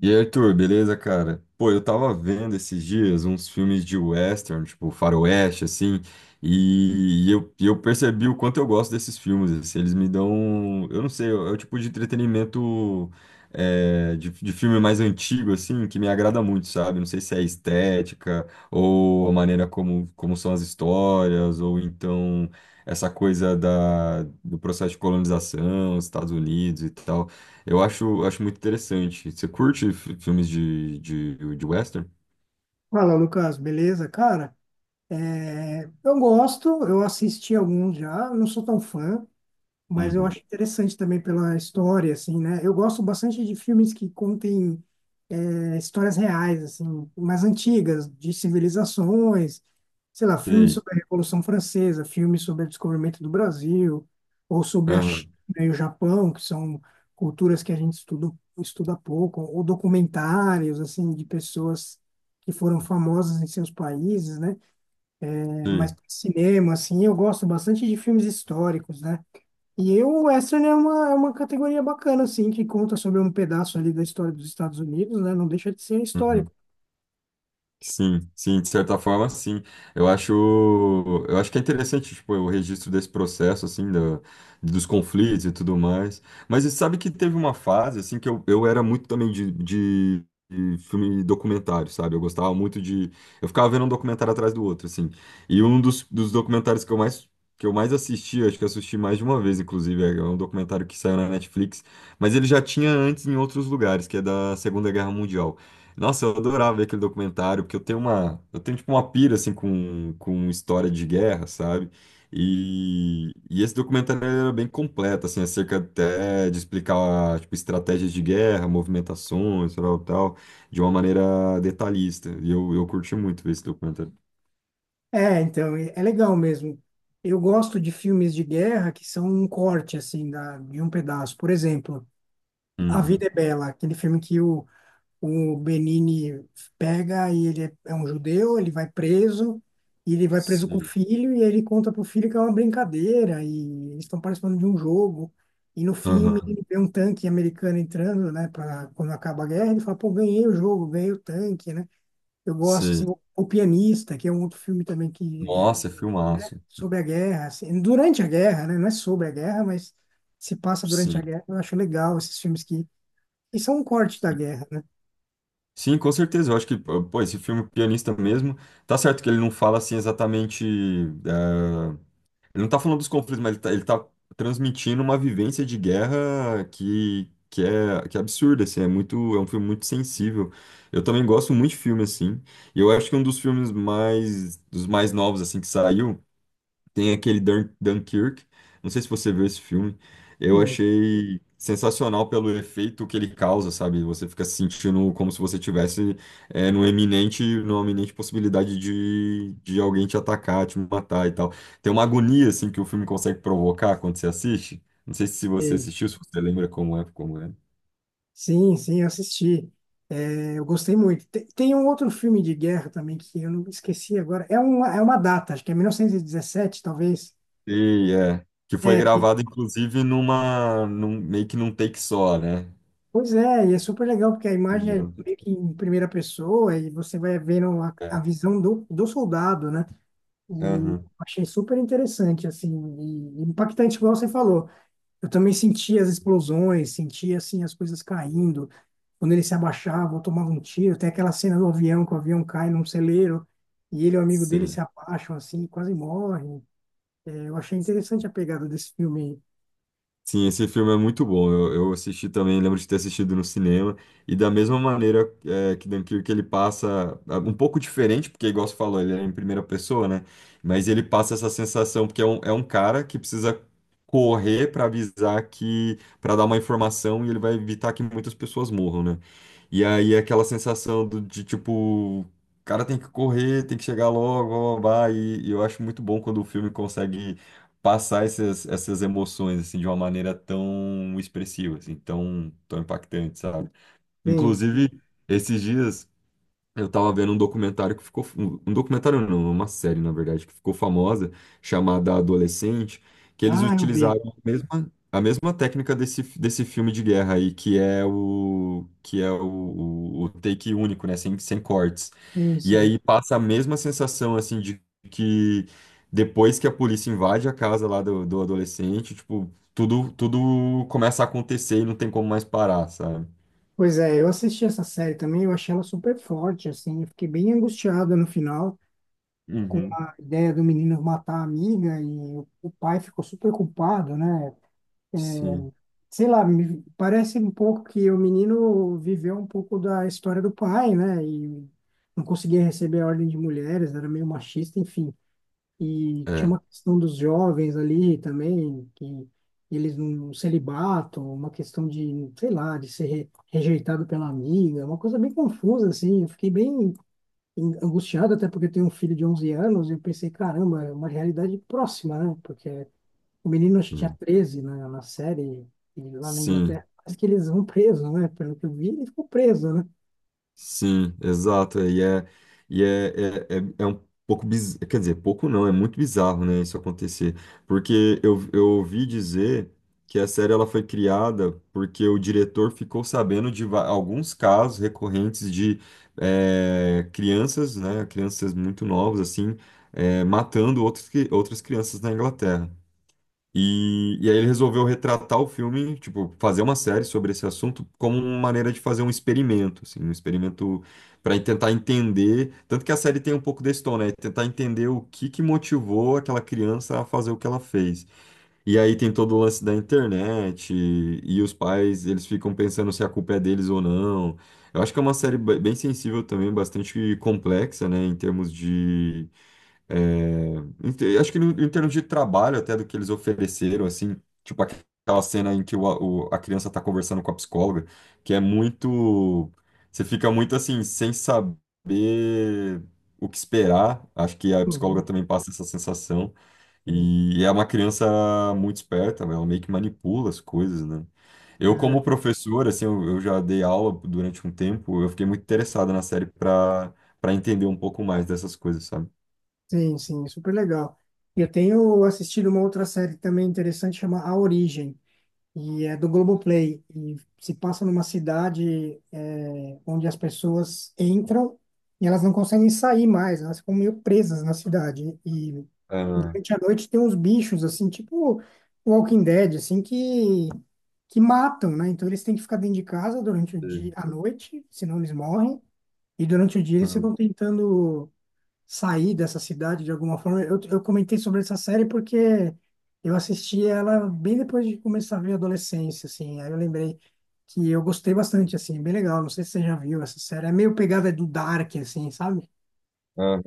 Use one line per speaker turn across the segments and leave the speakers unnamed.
E aí, Arthur, beleza, cara? Pô, eu tava vendo esses dias uns filmes de western, tipo faroeste, assim, e eu percebi o quanto eu gosto desses filmes, assim, eles me dão, eu não sei, é o tipo de entretenimento de filme mais antigo, assim, que me agrada muito, sabe? Não sei se é a estética, ou a maneira como são as histórias, ou então essa coisa do processo de colonização, Estados Unidos e tal. Acho muito interessante. Você curte filmes de western?
Fala, Lucas, beleza? Cara, eu gosto, eu assisti alguns já, não sou tão fã, mas eu
Uhum.
acho interessante também pela história, assim, né? Eu gosto bastante de filmes que contem histórias reais, assim, mais antigas, de civilizações, sei lá, filmes
Sei.
sobre a Revolução Francesa, filmes sobre o descobrimento do Brasil, ou sobre a China
Aham.
e o Japão, que são culturas que a gente estuda, estuda pouco, ou documentários, assim, de pessoas que foram famosas em seus países, né? É, mas
Sei.
cinema, assim, eu gosto bastante de filmes históricos, né? E eu, o Western é uma categoria bacana, assim, que conta sobre um pedaço ali da história dos Estados Unidos, né? Não deixa de ser
Uhum.
histórico.
Sim, sim, de certa forma, sim. Eu acho, eu acho que é interessante, tipo, o registro desse processo, assim, da dos conflitos e tudo mais. Mas você sabe que teve uma fase, assim, que eu era muito também de filme documentário, sabe? Eu gostava muito de... Eu ficava vendo um documentário atrás do outro, assim. E um dos documentários que eu mais assisti, acho que eu assisti mais de uma vez, inclusive, é um documentário que saiu na Netflix, mas ele já tinha antes em outros lugares, que é da Segunda Guerra Mundial. Nossa, eu adorava ver aquele documentário, porque eu tenho tipo uma pira assim com história de guerra, sabe? E esse documentário ele era bem completo, assim, acerca até de explicar tipo estratégias de guerra, movimentações, tal, tal, de uma maneira detalhista. E eu curti muito ver esse documentário.
É, então, é legal mesmo. Eu gosto de filmes de guerra que são um corte, assim, da, de um pedaço. Por exemplo, A Vida
Uhum.
é Bela, aquele filme que o Benini pega e ele é um judeu, ele vai preso, e ele vai preso com o
Sim.
filho, e ele conta pro filho que é uma brincadeira, e eles estão participando de um jogo. E no fim o
Aham.
menino vê um tanque americano entrando, né, para quando acaba a guerra, ele fala, pô, ganhei o jogo, ganhei o tanque, né? Eu gosto, assim,
Sim.
o Pianista, que é um outro filme também que é,
Nossa, é
né,
filmaço.
sobre a guerra, assim, durante a guerra, né? Não é sobre a guerra, mas se passa durante a
Sim.
guerra. Eu acho legal esses filmes que são um corte da guerra, né?
Sim, com certeza. Eu acho que, ah, pô, esse filme Pianista mesmo, tá certo que ele não fala assim exatamente. eh, Ele não tá falando dos conflitos, mas ele tá transmitindo uma vivência de guerra que é absurda, assim, é muito, é um filme muito sensível. Eu também gosto muito de filme, assim. E eu acho que um dos mais novos, assim, que saiu. Tem aquele Dunkirk. Não sei se você viu esse filme. Eu achei sensacional pelo efeito que ele causa, sabe? Você fica se sentindo como se você tivesse numa eminente possibilidade de alguém te atacar, te matar e tal. Tem uma agonia assim que o filme consegue provocar quando você assiste. Não sei se você
Sim.
assistiu, se você lembra como é.
Sim, sim, eu assisti. É, eu gostei muito. Tem, tem um outro filme de guerra também que eu não esqueci agora. É uma data, acho que é 1917, talvez.
E é que foi
É que,
gravado inclusive num, meio que num take só, né?
pois é, e é super legal porque a imagem é meio que em primeira pessoa e você vai vendo a
É,
visão do, do soldado, né? E eu
aham,
achei super interessante, assim, e impactante, igual você falou. Eu também sentia as explosões, sentia assim as coisas caindo. Quando ele se abaixava, eu tomava um tiro. Tem aquela cena do avião, que o avião cai num celeiro e ele e o amigo dele se
sim.
abaixam assim, quase morrem. É, eu achei interessante a pegada desse filme. Aí.
Sim, esse filme é muito bom. Eu assisti também, lembro de ter assistido no cinema. E da mesma maneira é, que Dunkirk, ele passa ah, um pouco diferente, porque, igual você falou, ele é em primeira pessoa, né? Mas ele passa essa sensação, porque é um cara que precisa correr para avisar que, para dar uma informação e ele vai evitar que muitas pessoas morram, né? E aí é aquela sensação do, de tipo, o cara tem que correr, tem que chegar logo, blá, blá, blá, e eu acho muito bom quando o filme consegue passar essas emoções assim de uma maneira tão expressiva, assim, tão impactante, sabe?
Sim,
Inclusive,
sim.
esses dias. Eu tava vendo um documentário que ficou. Um documentário não, uma série, na verdade, que ficou famosa, chamada Adolescente, que eles
Ah, eu vi.
utilizaram a mesma técnica desse filme de guerra aí, que é o take único, né? Sem cortes.
Sim,
E
sim.
aí passa a mesma sensação, assim, de que depois que a polícia invade a casa lá do adolescente, tipo, tudo começa a acontecer e não tem como mais parar, sabe?
Pois é, eu assisti essa série também, eu achei ela super forte, assim, eu fiquei bem angustiada no final com
Uhum.
a ideia do menino matar a amiga e o pai ficou super culpado, né? É,
Sim.
sei lá, me parece um pouco que o menino viveu um pouco da história do pai, né? E não conseguia receber a ordem de mulheres, era meio machista, enfim. E tinha
É.
uma questão dos jovens ali também, que eles não celibato, uma questão de, sei lá, de ser rejeitado pela amiga, uma coisa bem confusa, assim. Eu fiquei bem angustiado, até porque eu tenho um filho de 11 anos, e eu pensei, caramba, é uma realidade próxima, né? Porque o menino acho que tinha
É.
13 na, na série, e lá na
Sim.
Inglaterra, parece que eles vão preso, né? Pelo que eu vi, ele ficou preso, né?
Sim, exato. É um pouco bizarro. Quer dizer, pouco não, é muito bizarro, né, isso acontecer. Porque eu ouvi dizer que a série ela foi criada porque o diretor ficou sabendo de alguns casos recorrentes de crianças, né, crianças muito novas, assim, matando outras crianças na Inglaterra. E aí ele resolveu retratar o filme, tipo, fazer uma série sobre esse assunto como uma maneira de fazer um experimento, assim, um experimento para tentar entender, tanto que a série tem um pouco desse tom, né? Tentar entender o que que motivou aquela criança a fazer o que ela fez. E aí tem todo o lance da internet e os pais, eles ficam pensando se a culpa é deles ou não. Eu acho que é uma série bem sensível também, bastante complexa, né, em termos é, acho que em termos de trabalho até do que eles ofereceram, assim, tipo aquela cena em que a criança tá conversando com a psicóloga, que é muito, você fica muito assim, sem saber o que esperar, acho que a psicóloga
Uhum.
também passa essa sensação,
Sim,
e é uma criança muito esperta, ela meio que manipula as coisas, né?
pois é.
Como professor, assim, eu já dei aula durante um tempo, eu fiquei muito interessado na série para para entender um pouco mais dessas coisas, sabe?
Sim, sim, super legal. Eu tenho assistido uma outra série também interessante, chama A Origem. E é do Globoplay. E se passa numa cidade é, onde as pessoas entram e elas não conseguem sair mais, elas ficam meio presas na cidade. E durante a noite tem uns bichos, assim, tipo Walking Dead, assim, que matam, né? Então eles têm que ficar dentro de casa durante o dia,
Sim.
a noite, senão eles morrem. E durante o dia eles
Hum.
ficam tentando sair dessa cidade de alguma forma. Eu comentei sobre essa série porque eu assisti ela bem depois de começar a ver a adolescência, assim. Aí eu lembrei que eu gostei bastante, assim, bem legal. Não sei se você já viu essa série. É meio pegada do Dark, assim, sabe?
Ah.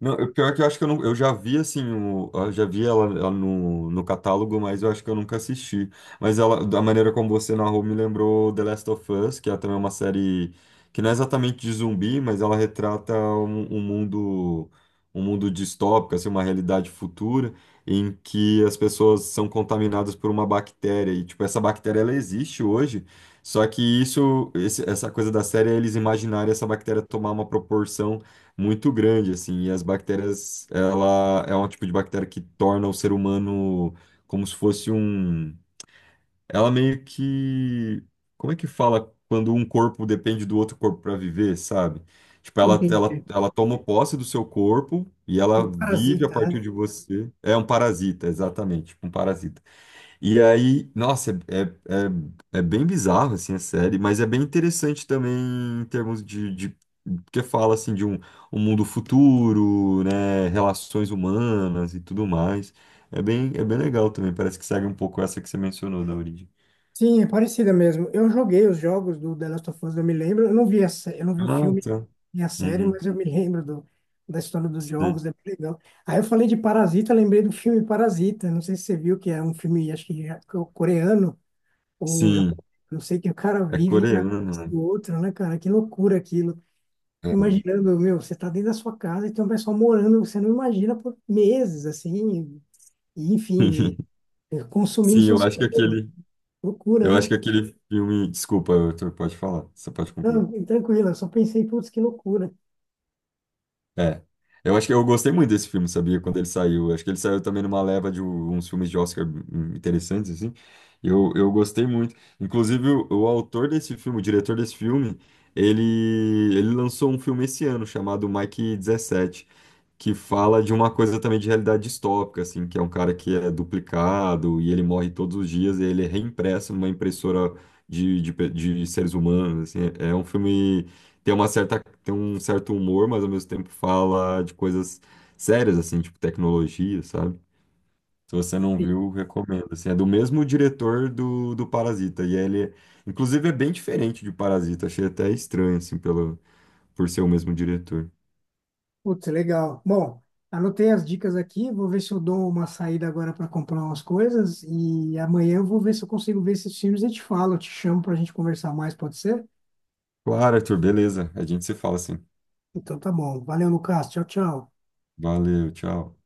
Não, eu- pior que eu acho que eu, não, eu já vi assim, o, eu já vi ela, ela no, no catálogo, mas eu acho que eu nunca assisti. Mas ela, da maneira como você narrou, me lembrou The Last of Us, que é também uma série que não é exatamente de zumbi, mas ela retrata um mundo distópico, assim, uma realidade futura em que as pessoas são contaminadas por uma bactéria e tipo essa bactéria ela existe hoje, só que essa coisa da série é eles imaginarem essa bactéria tomar uma proporção muito grande, assim, e as bactérias, ela é um tipo de bactéria que torna o ser humano como se fosse um, ela meio que, como é que fala quando um corpo depende do outro corpo para viver, sabe? Tipo, ela, ela,
Entendi.
ela toma posse do seu corpo e
É
ela
Como
vive a
Parasita, né?
partir de você. É um parasita, exatamente, tipo um parasita. E aí, nossa, é, é bem bizarro, assim, a série, mas é bem interessante também em termos de porque fala, assim, um mundo futuro, né, relações humanas e tudo mais. É bem legal também, parece que segue um pouco essa que você mencionou da origem.
Sim, é parecida mesmo. Eu joguei os jogos do The Last of Us, eu me lembro. Eu não vi a, eu não vi o
Ah,
filme
tá.
e a série,
Uhum.
mas eu me lembro do, da história dos
Sim.
jogos, é bem legal. Aí eu falei de Parasita, lembrei do filme Parasita. Não sei se você viu, que é um filme, acho que coreano ou
Sim,
japonês. Não sei que o cara
é
vive na
coreano,
casa
né?
do outro, né, cara? Que loucura aquilo.
É.
Imaginando, meu, você tá dentro da sua casa e tem um pessoal morando, você não imagina por meses, assim, e, enfim, e consumindo
Sim, eu
suas
acho que
coisas.
aquele,
Loucura,
eu acho
né?
que aquele filme, desculpa, Arthur, pode falar, você pode concluir.
Não, tranquilo, eu só pensei, putz, que loucura.
É. Eu acho que eu gostei muito desse filme, sabia? Quando ele saiu. Acho que ele saiu também numa leva de uns filmes de Oscar interessantes, assim. Eu gostei muito. Inclusive, o autor desse filme, o diretor desse filme, ele, ele lançou um filme esse ano chamado Mike 17, que fala de uma coisa também de realidade distópica, assim, que é um cara que é duplicado e ele morre todos os dias e ele é reimpresso numa impressora de seres humanos, assim. É um filme tem uma certa, tem um certo humor, mas ao mesmo tempo fala de coisas sérias, assim, tipo tecnologia, sabe? Se você não
E,
viu, recomendo. Assim, é do mesmo diretor do Parasita. E ele, inclusive, é bem diferente de Parasita. Achei até estranho, assim, pelo, por ser o mesmo diretor.
putz, legal. Bom, anotei as dicas aqui, vou ver se eu dou uma saída agora para comprar umas coisas e amanhã eu vou ver se eu consigo ver esses filmes e te falo, eu te chamo para a gente conversar mais, pode ser?
Claro, Arthur, beleza. A gente se fala assim.
Então tá bom. Valeu, Lucas. Tchau, tchau.
Valeu, tchau.